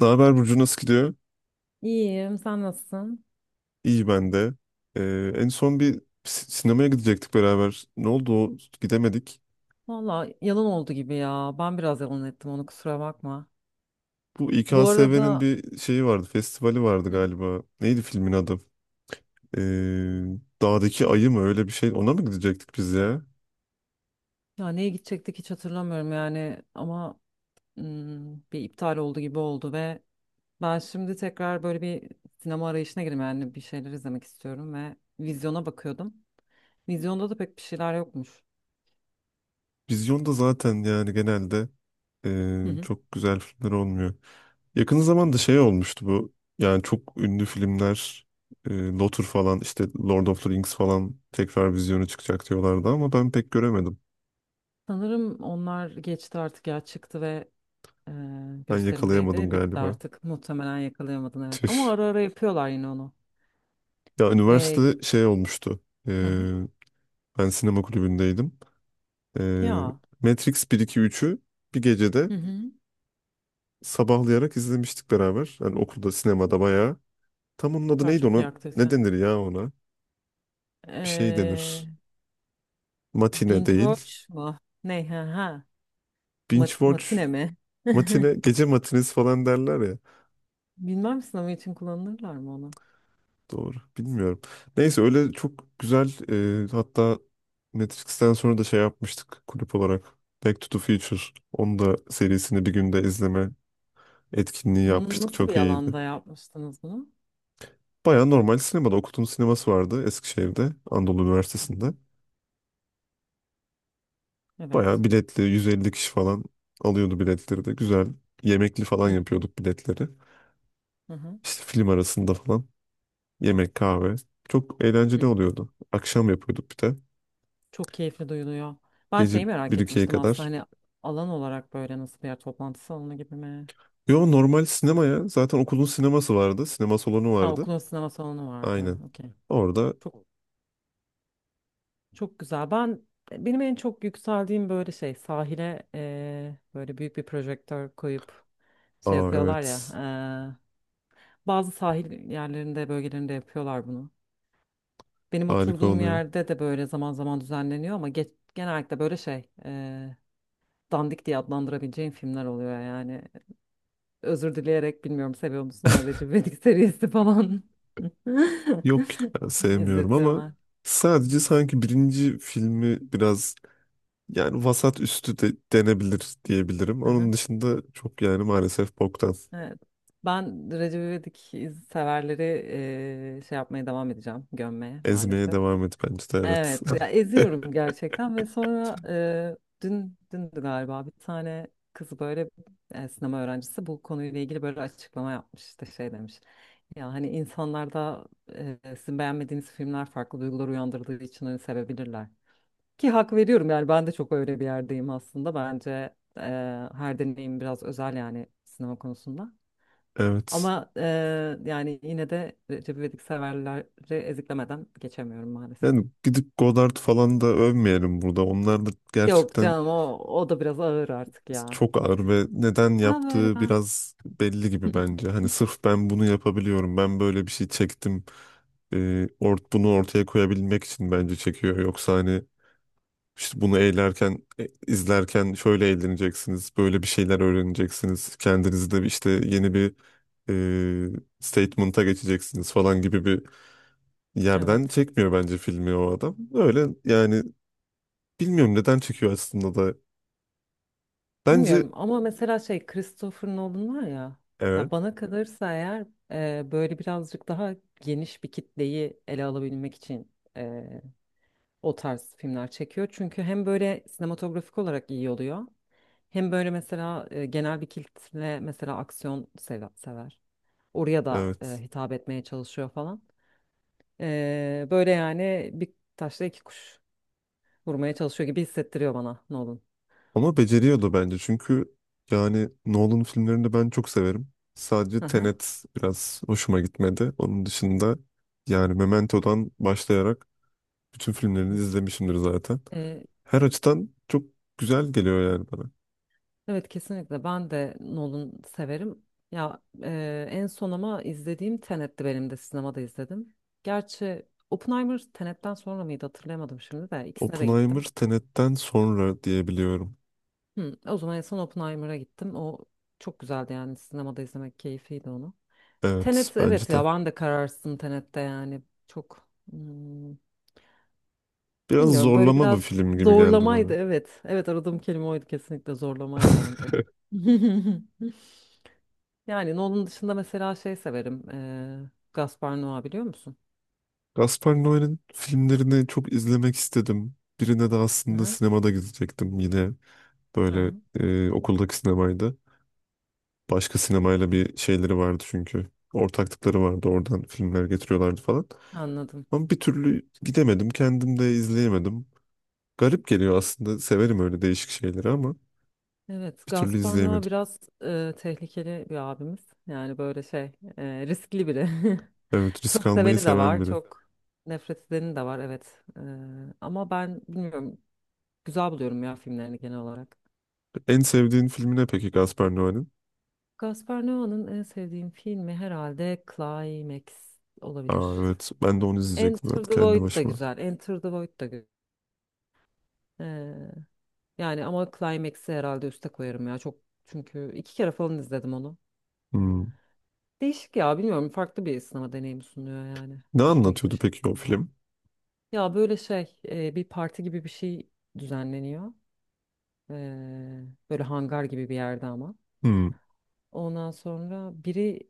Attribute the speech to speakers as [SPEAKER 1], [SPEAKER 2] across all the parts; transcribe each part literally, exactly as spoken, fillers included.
[SPEAKER 1] Ne haber Burcu, nasıl gidiyor?
[SPEAKER 2] İyiyim, sen nasılsın?
[SPEAKER 1] İyi ben de. Ee, en son bir si- sinemaya gidecektik beraber. Ne oldu o? Gidemedik.
[SPEAKER 2] Valla yalan oldu gibi ya. Ben biraz yalan ettim onu, kusura bakma.
[SPEAKER 1] Bu
[SPEAKER 2] Bu
[SPEAKER 1] İKSV'nin
[SPEAKER 2] arada.
[SPEAKER 1] bir şeyi vardı, festivali vardı
[SPEAKER 2] Hı.
[SPEAKER 1] galiba. Neydi filmin adı? Ee, Dağdaki Ayı mı öyle bir şey? Ona mı gidecektik biz ya?
[SPEAKER 2] Ya, neye gidecektik hiç hatırlamıyorum yani, ama hmm, bir iptal oldu gibi oldu ve ben şimdi tekrar böyle bir sinema arayışına girdim, yani bir şeyler izlemek istiyorum ve vizyona bakıyordum. Vizyonda da pek bir şeyler yokmuş.
[SPEAKER 1] Vizyonda zaten yani genelde
[SPEAKER 2] Hı
[SPEAKER 1] ee,
[SPEAKER 2] hı.
[SPEAKER 1] çok güzel filmler olmuyor. Yakın zamanda şey olmuştu bu. Yani çok ünlü filmler e, Lotur falan, işte Lord of the Rings falan tekrar vizyonu çıkacak diyorlardı ama ben pek göremedim.
[SPEAKER 2] Sanırım onlar geçti artık, ya çıktı ve e,
[SPEAKER 1] Ben yakalayamadım
[SPEAKER 2] gösterimdeydi. Bitti
[SPEAKER 1] galiba.
[SPEAKER 2] artık. Muhtemelen yakalayamadın, evet. Ama
[SPEAKER 1] Tüh.
[SPEAKER 2] ara ara yapıyorlar yine onu.
[SPEAKER 1] Ya
[SPEAKER 2] E,
[SPEAKER 1] üniversitede şey olmuştu. E,
[SPEAKER 2] Evet.
[SPEAKER 1] ben sinema kulübündeydim. E,
[SPEAKER 2] Ya.
[SPEAKER 1] Matrix bir iki üçü bir gecede
[SPEAKER 2] Hı hı.
[SPEAKER 1] sabahlayarak izlemiştik beraber. Yani okulda sinemada bayağı. Tam onun adı
[SPEAKER 2] Süper,
[SPEAKER 1] neydi
[SPEAKER 2] çok
[SPEAKER 1] ona?
[SPEAKER 2] iyi
[SPEAKER 1] Ne
[SPEAKER 2] aktivite.
[SPEAKER 1] denir ya ona? Bir şey
[SPEAKER 2] Ee,
[SPEAKER 1] denir. Matine
[SPEAKER 2] binge
[SPEAKER 1] değil.
[SPEAKER 2] watch mu? Ne? Ha, ha. Ma-
[SPEAKER 1] Binge
[SPEAKER 2] matine
[SPEAKER 1] watch.
[SPEAKER 2] mi?
[SPEAKER 1] Matine, gece matinesi falan derler ya.
[SPEAKER 2] Bilmem sınavı için kullanırlar mı onu?
[SPEAKER 1] Doğru. Bilmiyorum. Neyse öyle çok güzel, e, hatta Matrix'ten sonra da şey yapmıştık kulüp olarak. Back to the Future. Onu da serisini bir günde izleme etkinliği
[SPEAKER 2] N-
[SPEAKER 1] yapmıştık.
[SPEAKER 2] Nasıl
[SPEAKER 1] Çok
[SPEAKER 2] bir
[SPEAKER 1] iyiydi.
[SPEAKER 2] alanda yapmıştınız bunu?
[SPEAKER 1] Baya normal sinemada. Okut'un sineması vardı Eskişehir'de. Anadolu
[SPEAKER 2] Hı hı.
[SPEAKER 1] Üniversitesi'nde.
[SPEAKER 2] Evet.
[SPEAKER 1] Baya biletli yüz elli kişi falan alıyordu, biletleri de güzel. Yemekli falan
[SPEAKER 2] Hı hı.
[SPEAKER 1] yapıyorduk biletleri.
[SPEAKER 2] Hı hı.
[SPEAKER 1] İşte film arasında falan. Yemek, kahve. Çok
[SPEAKER 2] Hı
[SPEAKER 1] eğlenceli
[SPEAKER 2] hı.
[SPEAKER 1] oluyordu. Akşam yapıyorduk bir de.
[SPEAKER 2] Çok keyifli duyuluyor. Ben
[SPEAKER 1] Gece
[SPEAKER 2] şeyi merak
[SPEAKER 1] bir ikiye
[SPEAKER 2] etmiştim aslında,
[SPEAKER 1] kadar.
[SPEAKER 2] hani alan olarak böyle nasıl bir yer, toplantı salonu gibi mi?
[SPEAKER 1] Yo, normal sinema ya. Zaten okulun sineması vardı. Sinema salonu
[SPEAKER 2] Ha,
[SPEAKER 1] vardı.
[SPEAKER 2] okulun sinema salonu vardı.
[SPEAKER 1] Aynen.
[SPEAKER 2] Okey.
[SPEAKER 1] Orada.
[SPEAKER 2] Çok, çok güzel. Ben benim en çok yükseldiğim böyle şey, sahile eee, böyle büyük bir projektör koyup şey
[SPEAKER 1] Aa,
[SPEAKER 2] yapıyorlar
[SPEAKER 1] evet.
[SPEAKER 2] ya. eee, bazı sahil yerlerinde, bölgelerinde yapıyorlar bunu. Benim
[SPEAKER 1] Harika
[SPEAKER 2] oturduğum
[SPEAKER 1] oluyor.
[SPEAKER 2] yerde de böyle zaman zaman düzenleniyor, ama ge- genellikle böyle şey, eee, dandik diye adlandırabileceğim filmler oluyor yani. Özür dileyerek, bilmiyorum seviyor musun, ama Recep İvedik serisi falan
[SPEAKER 1] Yok ya, sevmiyorum ama
[SPEAKER 2] izletiyorlar.
[SPEAKER 1] sadece
[SPEAKER 2] Evet.
[SPEAKER 1] sanki birinci filmi biraz yani vasat üstü de denebilir diyebilirim.
[SPEAKER 2] Evet.
[SPEAKER 1] Onun dışında çok yani maalesef boktan.
[SPEAKER 2] Evet. Ben Recep İvedik iz- severleri eee, şey yapmaya devam edeceğim. Gömmeye,
[SPEAKER 1] Ezmeye
[SPEAKER 2] maalesef.
[SPEAKER 1] devam et bence de, evet.
[SPEAKER 2] Evet. Ya, eziyorum gerçekten ve sonra eee, dün dündü galiba bir tane kız böyle, e, sinema öğrencisi, bu konuyla ilgili böyle açıklama yapmış. İşte şey demiş. Ya hani insanlarda, e, sizin beğenmediğiniz filmler farklı duygular uyandırdığı için hani sevebilirler. Ki hak veriyorum yani, ben de çok öyle bir yerdeyim aslında. Bence e, her deneyim biraz özel, yani sinema konusunda.
[SPEAKER 1] Evet.
[SPEAKER 2] Ama e, yani yine de Recep İvedik severleri eziklemeden geçemiyorum maalesef.
[SPEAKER 1] Yani gidip Godard falan da övmeyelim burada. Onlar da
[SPEAKER 2] Yok
[SPEAKER 1] gerçekten.
[SPEAKER 2] canım, o, o da biraz ağır artık ya.
[SPEAKER 1] Çok ağır ve neden
[SPEAKER 2] Daha böyle
[SPEAKER 1] yaptığı
[SPEAKER 2] ben.
[SPEAKER 1] biraz belli gibi bence. Hani sırf ben bunu yapabiliyorum, ben böyle bir şey çektim. E, ort bunu ortaya koyabilmek için bence çekiyor. Yoksa hani işte bunu eğlerken, e, izlerken şöyle eğleneceksiniz, böyle bir şeyler öğreneceksiniz. Kendinizi de işte yeni bir e, statement'a geçeceksiniz falan gibi bir yerden
[SPEAKER 2] Evet.
[SPEAKER 1] çekmiyor bence filmi o adam. Öyle yani bilmiyorum neden çekiyor aslında da. Bence
[SPEAKER 2] Bilmiyorum, ama mesela şey, Christopher Nolan var ya,
[SPEAKER 1] evet,
[SPEAKER 2] ya bana kalırsa eğer e, böyle birazcık daha geniş bir kitleyi ele alabilmek için e, o tarz filmler çekiyor. Çünkü hem böyle sinematografik olarak iyi oluyor, hem böyle mesela e, genel bir kitle mesela aksiyon seva- sever. Oraya da e,
[SPEAKER 1] evet.
[SPEAKER 2] hitap etmeye çalışıyor falan. E, böyle yani, bir taşla iki kuş vurmaya çalışıyor gibi hissettiriyor bana Nolan.
[SPEAKER 1] Ama beceriyordu bence çünkü yani Nolan filmlerini ben çok severim.
[SPEAKER 2] Hı
[SPEAKER 1] Sadece
[SPEAKER 2] hı.
[SPEAKER 1] Tenet biraz hoşuma gitmedi. Onun dışında yani Memento'dan başlayarak bütün filmlerini izlemişimdir zaten.
[SPEAKER 2] Evet.
[SPEAKER 1] Her açıdan çok güzel geliyor yani bana.
[SPEAKER 2] Evet, kesinlikle ben de Nolan severim. Ya, e, en son ama izlediğim Tenet'ti, benim de sinemada izledim. Gerçi Oppenheimer Tenet'ten sonra mıydı, hatırlayamadım şimdi de ikisine de
[SPEAKER 1] Oppenheimer
[SPEAKER 2] gittim.
[SPEAKER 1] Tenet'ten sonra diyebiliyorum.
[SPEAKER 2] Hı, o zaman en son Oppenheimer'a gittim. O çok güzeldi yani, sinemada izlemek keyifliydi onu.
[SPEAKER 1] Evet
[SPEAKER 2] Tenet,
[SPEAKER 1] bence
[SPEAKER 2] evet
[SPEAKER 1] de.
[SPEAKER 2] ya, ben de kararsızım Tenet'te yani çok hmm,
[SPEAKER 1] Biraz
[SPEAKER 2] bilmiyorum, böyle
[SPEAKER 1] zorlama bir
[SPEAKER 2] biraz
[SPEAKER 1] film gibi geldi
[SPEAKER 2] zorlamaydı,
[SPEAKER 1] bana.
[SPEAKER 2] evet. Evet, aradığım kelime oydu, kesinlikle zorlamaydı bence de. Yani Nolan dışında mesela şey severim. eee Gaspar Noé biliyor musun?
[SPEAKER 1] Gaspar Noé'nin filmlerini çok izlemek istedim. Birine de
[SPEAKER 2] Hı
[SPEAKER 1] aslında
[SPEAKER 2] hı.
[SPEAKER 1] sinemada gidecektim yine,
[SPEAKER 2] Hı
[SPEAKER 1] böyle
[SPEAKER 2] hı.
[SPEAKER 1] e, okuldaki sinemaydı. Başka sinemayla bir şeyleri vardı çünkü. Ortaklıkları vardı. Oradan filmler getiriyorlardı falan.
[SPEAKER 2] Anladım.
[SPEAKER 1] Ama bir türlü gidemedim. Kendim de izleyemedim. Garip geliyor aslında. Severim öyle değişik şeyleri ama
[SPEAKER 2] Evet,
[SPEAKER 1] bir türlü
[SPEAKER 2] Gaspar Noé
[SPEAKER 1] izleyemedim.
[SPEAKER 2] biraz eee, tehlikeli bir abimiz. Yani böyle şey, eee, riskli biri.
[SPEAKER 1] Evet, risk
[SPEAKER 2] Çok
[SPEAKER 1] almayı
[SPEAKER 2] seveni de var,
[SPEAKER 1] seven
[SPEAKER 2] evet.
[SPEAKER 1] biri.
[SPEAKER 2] Çok nefret edeni de var, evet. Eee, ama ben bilmiyorum, güzel buluyorum ya filmlerini genel olarak.
[SPEAKER 1] En sevdiğin filmi ne peki Gaspar Noé'nin?
[SPEAKER 2] Gaspar Noé'nin en sevdiğim filmi herhalde Climax olabilir.
[SPEAKER 1] Aa, evet, ben de onu izleyecektim
[SPEAKER 2] Enter
[SPEAKER 1] zaten
[SPEAKER 2] the
[SPEAKER 1] kendi
[SPEAKER 2] Void da
[SPEAKER 1] başıma.
[SPEAKER 2] güzel, Enter the Void da güzel. Yani ama Climax'i herhalde üste koyarım ya. Çok, çünkü iki kere falan izledim onu.
[SPEAKER 1] Hmm.
[SPEAKER 2] Değişik ya, bilmiyorum, farklı bir sinema deneyimi sunuyor yani.
[SPEAKER 1] Ne
[SPEAKER 2] Hoşuma
[SPEAKER 1] anlatıyordu
[SPEAKER 2] gitmiş.
[SPEAKER 1] peki o film?
[SPEAKER 2] Ya böyle şey, e, bir parti gibi bir şey düzenleniyor. Ee, böyle hangar gibi bir yerde ama.
[SPEAKER 1] Hmm.
[SPEAKER 2] Ondan sonra biri,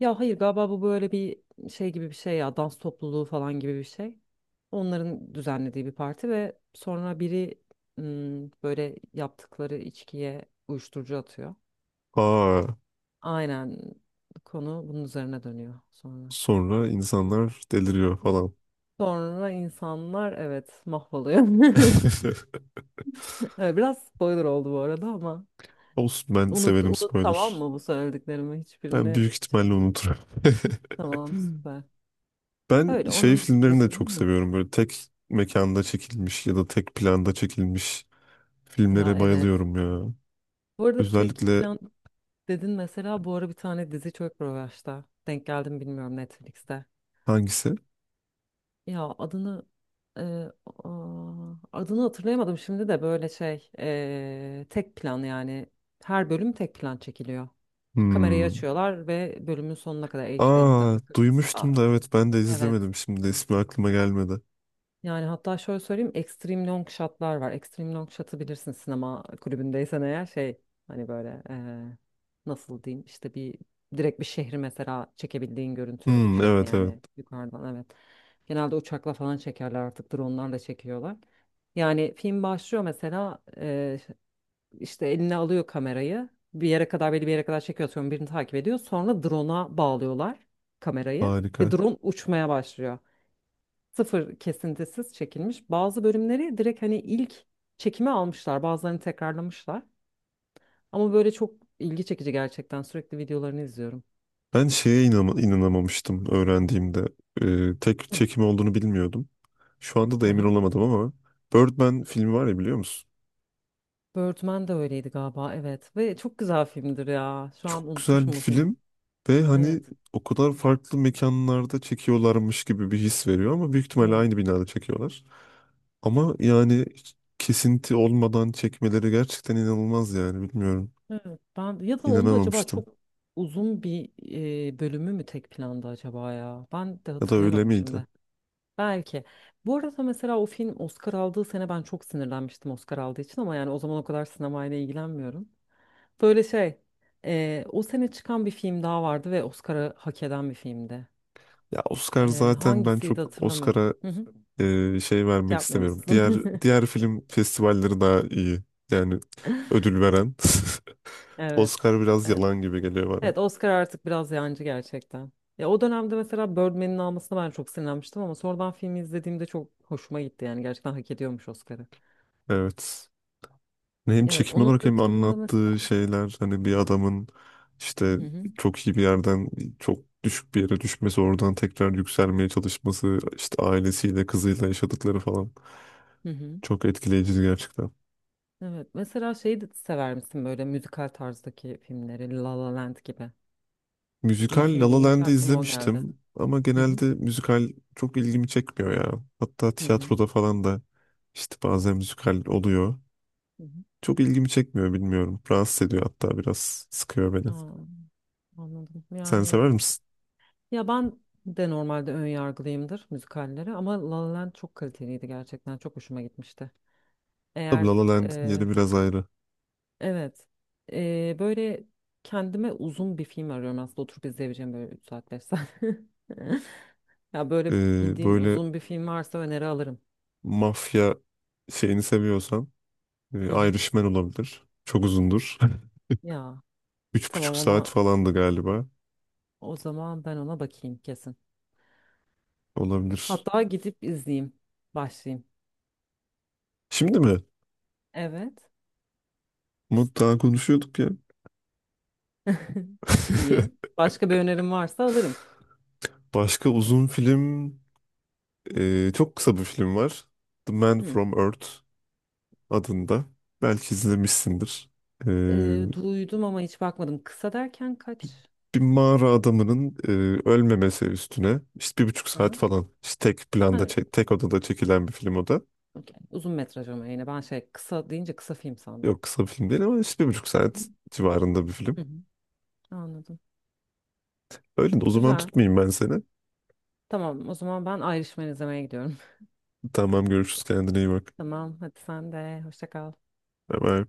[SPEAKER 2] ya hayır, galiba bu böyle bir şey gibi bir şey ya, dans topluluğu falan gibi bir şey. Onların düzenlediği bir parti ve sonra biri ım, böyle yaptıkları içkiye uyuşturucu atıyor.
[SPEAKER 1] Aa,
[SPEAKER 2] Aynen, konu bunun üzerine dönüyor sonra.
[SPEAKER 1] sonra insanlar deliriyor falan.
[SPEAKER 2] Sonra insanlar, evet, mahvoluyor. Evet, biraz spoiler oldu bu arada, ama
[SPEAKER 1] Olsun, ben
[SPEAKER 2] unut
[SPEAKER 1] severim
[SPEAKER 2] unut tamam
[SPEAKER 1] spoiler.
[SPEAKER 2] mı, bu söylediklerimi
[SPEAKER 1] Ben
[SPEAKER 2] hiçbirini
[SPEAKER 1] büyük
[SPEAKER 2] şey,
[SPEAKER 1] ihtimalle unuturum.
[SPEAKER 2] tamam, süper.
[SPEAKER 1] Ben
[SPEAKER 2] Öyle,
[SPEAKER 1] şey
[SPEAKER 2] onun
[SPEAKER 1] filmlerini de
[SPEAKER 2] dışında
[SPEAKER 1] çok
[SPEAKER 2] mı?
[SPEAKER 1] seviyorum. Böyle tek mekanda çekilmiş ya da tek planda çekilmiş
[SPEAKER 2] Ya,
[SPEAKER 1] filmlere
[SPEAKER 2] evet.
[SPEAKER 1] bayılıyorum ya.
[SPEAKER 2] Bu arada tek
[SPEAKER 1] Özellikle
[SPEAKER 2] plan dedin, mesela bu ara bir tane dizi çok revaçta. Denk geldim, bilmiyorum, Netflix'te.
[SPEAKER 1] hangisi?
[SPEAKER 2] Ya adını e, aa, adını hatırlayamadım şimdi de böyle şey, e, tek plan yani her bölüm tek plan çekiliyor. Kamerayı
[SPEAKER 1] Hmm.
[SPEAKER 2] açıyorlar ve bölümün sonuna kadar e işte elli
[SPEAKER 1] Aa,
[SPEAKER 2] dakika. kırk. Aa,
[SPEAKER 1] duymuştum da, evet, ben de
[SPEAKER 2] evet.
[SPEAKER 1] izlemedim. Şimdi de ismi aklıma gelmedi.
[SPEAKER 2] Yani hatta şöyle söyleyeyim, extreme long shot'lar var. Extreme long shot'ı bilirsin sinema kulübündeysen eğer, şey, hani böyle eee, nasıl diyeyim, işte bir direkt bir şehri mesela çekebildiğin görüntü
[SPEAKER 1] Hmm,
[SPEAKER 2] şekli
[SPEAKER 1] evet evet,
[SPEAKER 2] yani, yukarıdan, evet. Genelde uçakla falan çekerler, artık drone'larla çekiyorlar. Yani film başlıyor mesela, eee, işte eline alıyor kamerayı, bir yere kadar belli bir yere kadar çekiyor, sonra birini takip ediyor, sonra drone'a bağlıyorlar kamerayı ve
[SPEAKER 1] harika.
[SPEAKER 2] drone uçmaya başlıyor, sıfır kesintisiz çekilmiş. Bazı bölümleri direkt hani ilk çekime almışlar, bazılarını tekrarlamışlar. Ama böyle çok ilgi çekici gerçekten. Sürekli videolarını izliyorum.
[SPEAKER 1] Ben şeye inama- inanamamıştım öğrendiğimde. Ee, tek
[SPEAKER 2] Hı.
[SPEAKER 1] çekim olduğunu bilmiyordum. Şu anda da emin
[SPEAKER 2] Aha.
[SPEAKER 1] olamadım ama Birdman filmi var ya, biliyor musun?
[SPEAKER 2] Birdman de öyleydi galiba, evet. Ve çok güzel filmdir ya. Şu an
[SPEAKER 1] Çok güzel bir
[SPEAKER 2] unutmuşum bu filmi.
[SPEAKER 1] film ve hani
[SPEAKER 2] Evet,
[SPEAKER 1] o kadar farklı mekanlarda çekiyorlarmış gibi bir his veriyor ama büyük ihtimalle
[SPEAKER 2] evet,
[SPEAKER 1] aynı binada çekiyorlar. Ama yani hiç kesinti olmadan çekmeleri gerçekten inanılmaz yani bilmiyorum.
[SPEAKER 2] evet. Ben ya da onda acaba
[SPEAKER 1] İnanamamıştım.
[SPEAKER 2] çok uzun bir e, bölümü mü tek planda acaba ya? Ben de
[SPEAKER 1] Ya da öyle
[SPEAKER 2] hatırlayamadım
[SPEAKER 1] miydi?
[SPEAKER 2] şimdi. Belki. Bu arada mesela o film Oscar aldığı sene ben çok sinirlenmiştim Oscar aldığı için, ama yani o zaman o kadar sinemayla ilgilenmiyorum. Böyle şey, e, o sene çıkan bir film daha vardı ve Oscar'ı hak eden bir filmdi.
[SPEAKER 1] Ya Oscar
[SPEAKER 2] E,
[SPEAKER 1] zaten, ben
[SPEAKER 2] hangisiydi
[SPEAKER 1] çok
[SPEAKER 2] hatırlamıyorum.
[SPEAKER 1] Oscar'a
[SPEAKER 2] Hı hı.
[SPEAKER 1] e, şey
[SPEAKER 2] Şey
[SPEAKER 1] vermek
[SPEAKER 2] yapmıyor
[SPEAKER 1] istemiyorum.
[SPEAKER 2] musun?
[SPEAKER 1] Diğer diğer film festivalleri daha iyi. Yani ödül veren.
[SPEAKER 2] Evet.
[SPEAKER 1] Oscar biraz
[SPEAKER 2] E,
[SPEAKER 1] yalan gibi geliyor bana.
[SPEAKER 2] Evet, Oscar artık biraz yancı gerçekten. Ya o dönemde mesela Birdman'in almasına ben çok sinirlenmiştim, ama sonradan filmi izlediğimde çok hoşuma gitti yani, gerçekten hak ediyormuş Oscar'ı.
[SPEAKER 1] Evet. Hem
[SPEAKER 2] Evet,
[SPEAKER 1] çekim
[SPEAKER 2] onun
[SPEAKER 1] olarak hem
[SPEAKER 2] dışında
[SPEAKER 1] anlattığı
[SPEAKER 2] mesela.
[SPEAKER 1] şeyler, hani bir adamın işte
[SPEAKER 2] Hı hı.
[SPEAKER 1] çok iyi bir yerden çok düşük bir yere düşmesi, oradan tekrar yükselmeye çalışması, işte ailesiyle kızıyla yaşadıkları falan
[SPEAKER 2] Hı hı.
[SPEAKER 1] çok etkileyiciydi gerçekten.
[SPEAKER 2] Evet. Mesela şeyi de sever misin, böyle müzikal tarzdaki filmleri, La La Land gibi. İyi
[SPEAKER 1] Müzikal La
[SPEAKER 2] film
[SPEAKER 1] La
[SPEAKER 2] deyince
[SPEAKER 1] Land'i
[SPEAKER 2] aklıma o geldi.
[SPEAKER 1] izlemiştim ama
[SPEAKER 2] Hı hı.
[SPEAKER 1] genelde müzikal çok ilgimi çekmiyor ya. Hatta
[SPEAKER 2] Hı hı.
[SPEAKER 1] tiyatroda falan da işte bazen müzikal oluyor.
[SPEAKER 2] Hı hı.
[SPEAKER 1] Çok ilgimi çekmiyor, bilmiyorum. Rahatsız ediyor, hatta biraz sıkıyor beni.
[SPEAKER 2] Aa, anladım.
[SPEAKER 1] Sen
[SPEAKER 2] Yani
[SPEAKER 1] sever misin?
[SPEAKER 2] ya ben de normalde ön yargılıyımdır müzikallere, ama La La Land çok kaliteliydi gerçekten. Çok hoşuma gitmişti.
[SPEAKER 1] Tabii La
[SPEAKER 2] Eğer
[SPEAKER 1] La Land'in
[SPEAKER 2] e,
[SPEAKER 1] yeri biraz ayrı.
[SPEAKER 2] evet e, böyle kendime uzun bir film arıyorum aslında, oturup izleyebileceğim böyle üç saat beş saat. Ya böyle
[SPEAKER 1] Ee,
[SPEAKER 2] bildiğin
[SPEAKER 1] böyle
[SPEAKER 2] uzun bir film varsa öneri alırım.
[SPEAKER 1] mafya şeyini seviyorsan e,
[SPEAKER 2] Hı hı.
[SPEAKER 1] Irishman olabilir. Çok uzundur.
[SPEAKER 2] Ya.
[SPEAKER 1] Üç buçuk
[SPEAKER 2] Tamam,
[SPEAKER 1] saat
[SPEAKER 2] ona
[SPEAKER 1] falandı galiba.
[SPEAKER 2] o zaman ben ona bakayım kesin.
[SPEAKER 1] Olabilir.
[SPEAKER 2] Hatta gidip izleyeyim. Başlayayım.
[SPEAKER 1] Şimdi mi?
[SPEAKER 2] Evet.
[SPEAKER 1] Umut daha konuşuyorduk ya.
[SPEAKER 2] İyi. Başka bir önerim varsa alırım.
[SPEAKER 1] Başka uzun film, e, çok kısa bir film var. The Man
[SPEAKER 2] Hı.
[SPEAKER 1] from Earth adında. Belki izlemişsindir. E,
[SPEAKER 2] Ee, duydum ama hiç bakmadım. Kısa derken kaç?
[SPEAKER 1] bir mağara adamının e, ölmemesi üstüne, işte bir buçuk saat
[SPEAKER 2] Aha.
[SPEAKER 1] falan, işte tek planda
[SPEAKER 2] Ha,
[SPEAKER 1] çek- tek odada çekilen bir film o da.
[SPEAKER 2] okey. Uzun metraj, ama yine ben şey, kısa deyince kısa film sandım.
[SPEAKER 1] Yok, kısa bir film değil ama işte bir buçuk saat civarında bir
[SPEAKER 2] Hı
[SPEAKER 1] film.
[SPEAKER 2] hı. Anladım.
[SPEAKER 1] Öyle de, o zaman
[SPEAKER 2] Güzel.
[SPEAKER 1] tutmayayım ben seni.
[SPEAKER 2] Tamam o zaman ben Irishman izlemeye gidiyorum.
[SPEAKER 1] Tamam, görüşürüz, kendine iyi bak.
[SPEAKER 2] Tamam, hadi sen de hoşça kal.
[SPEAKER 1] Bye bye.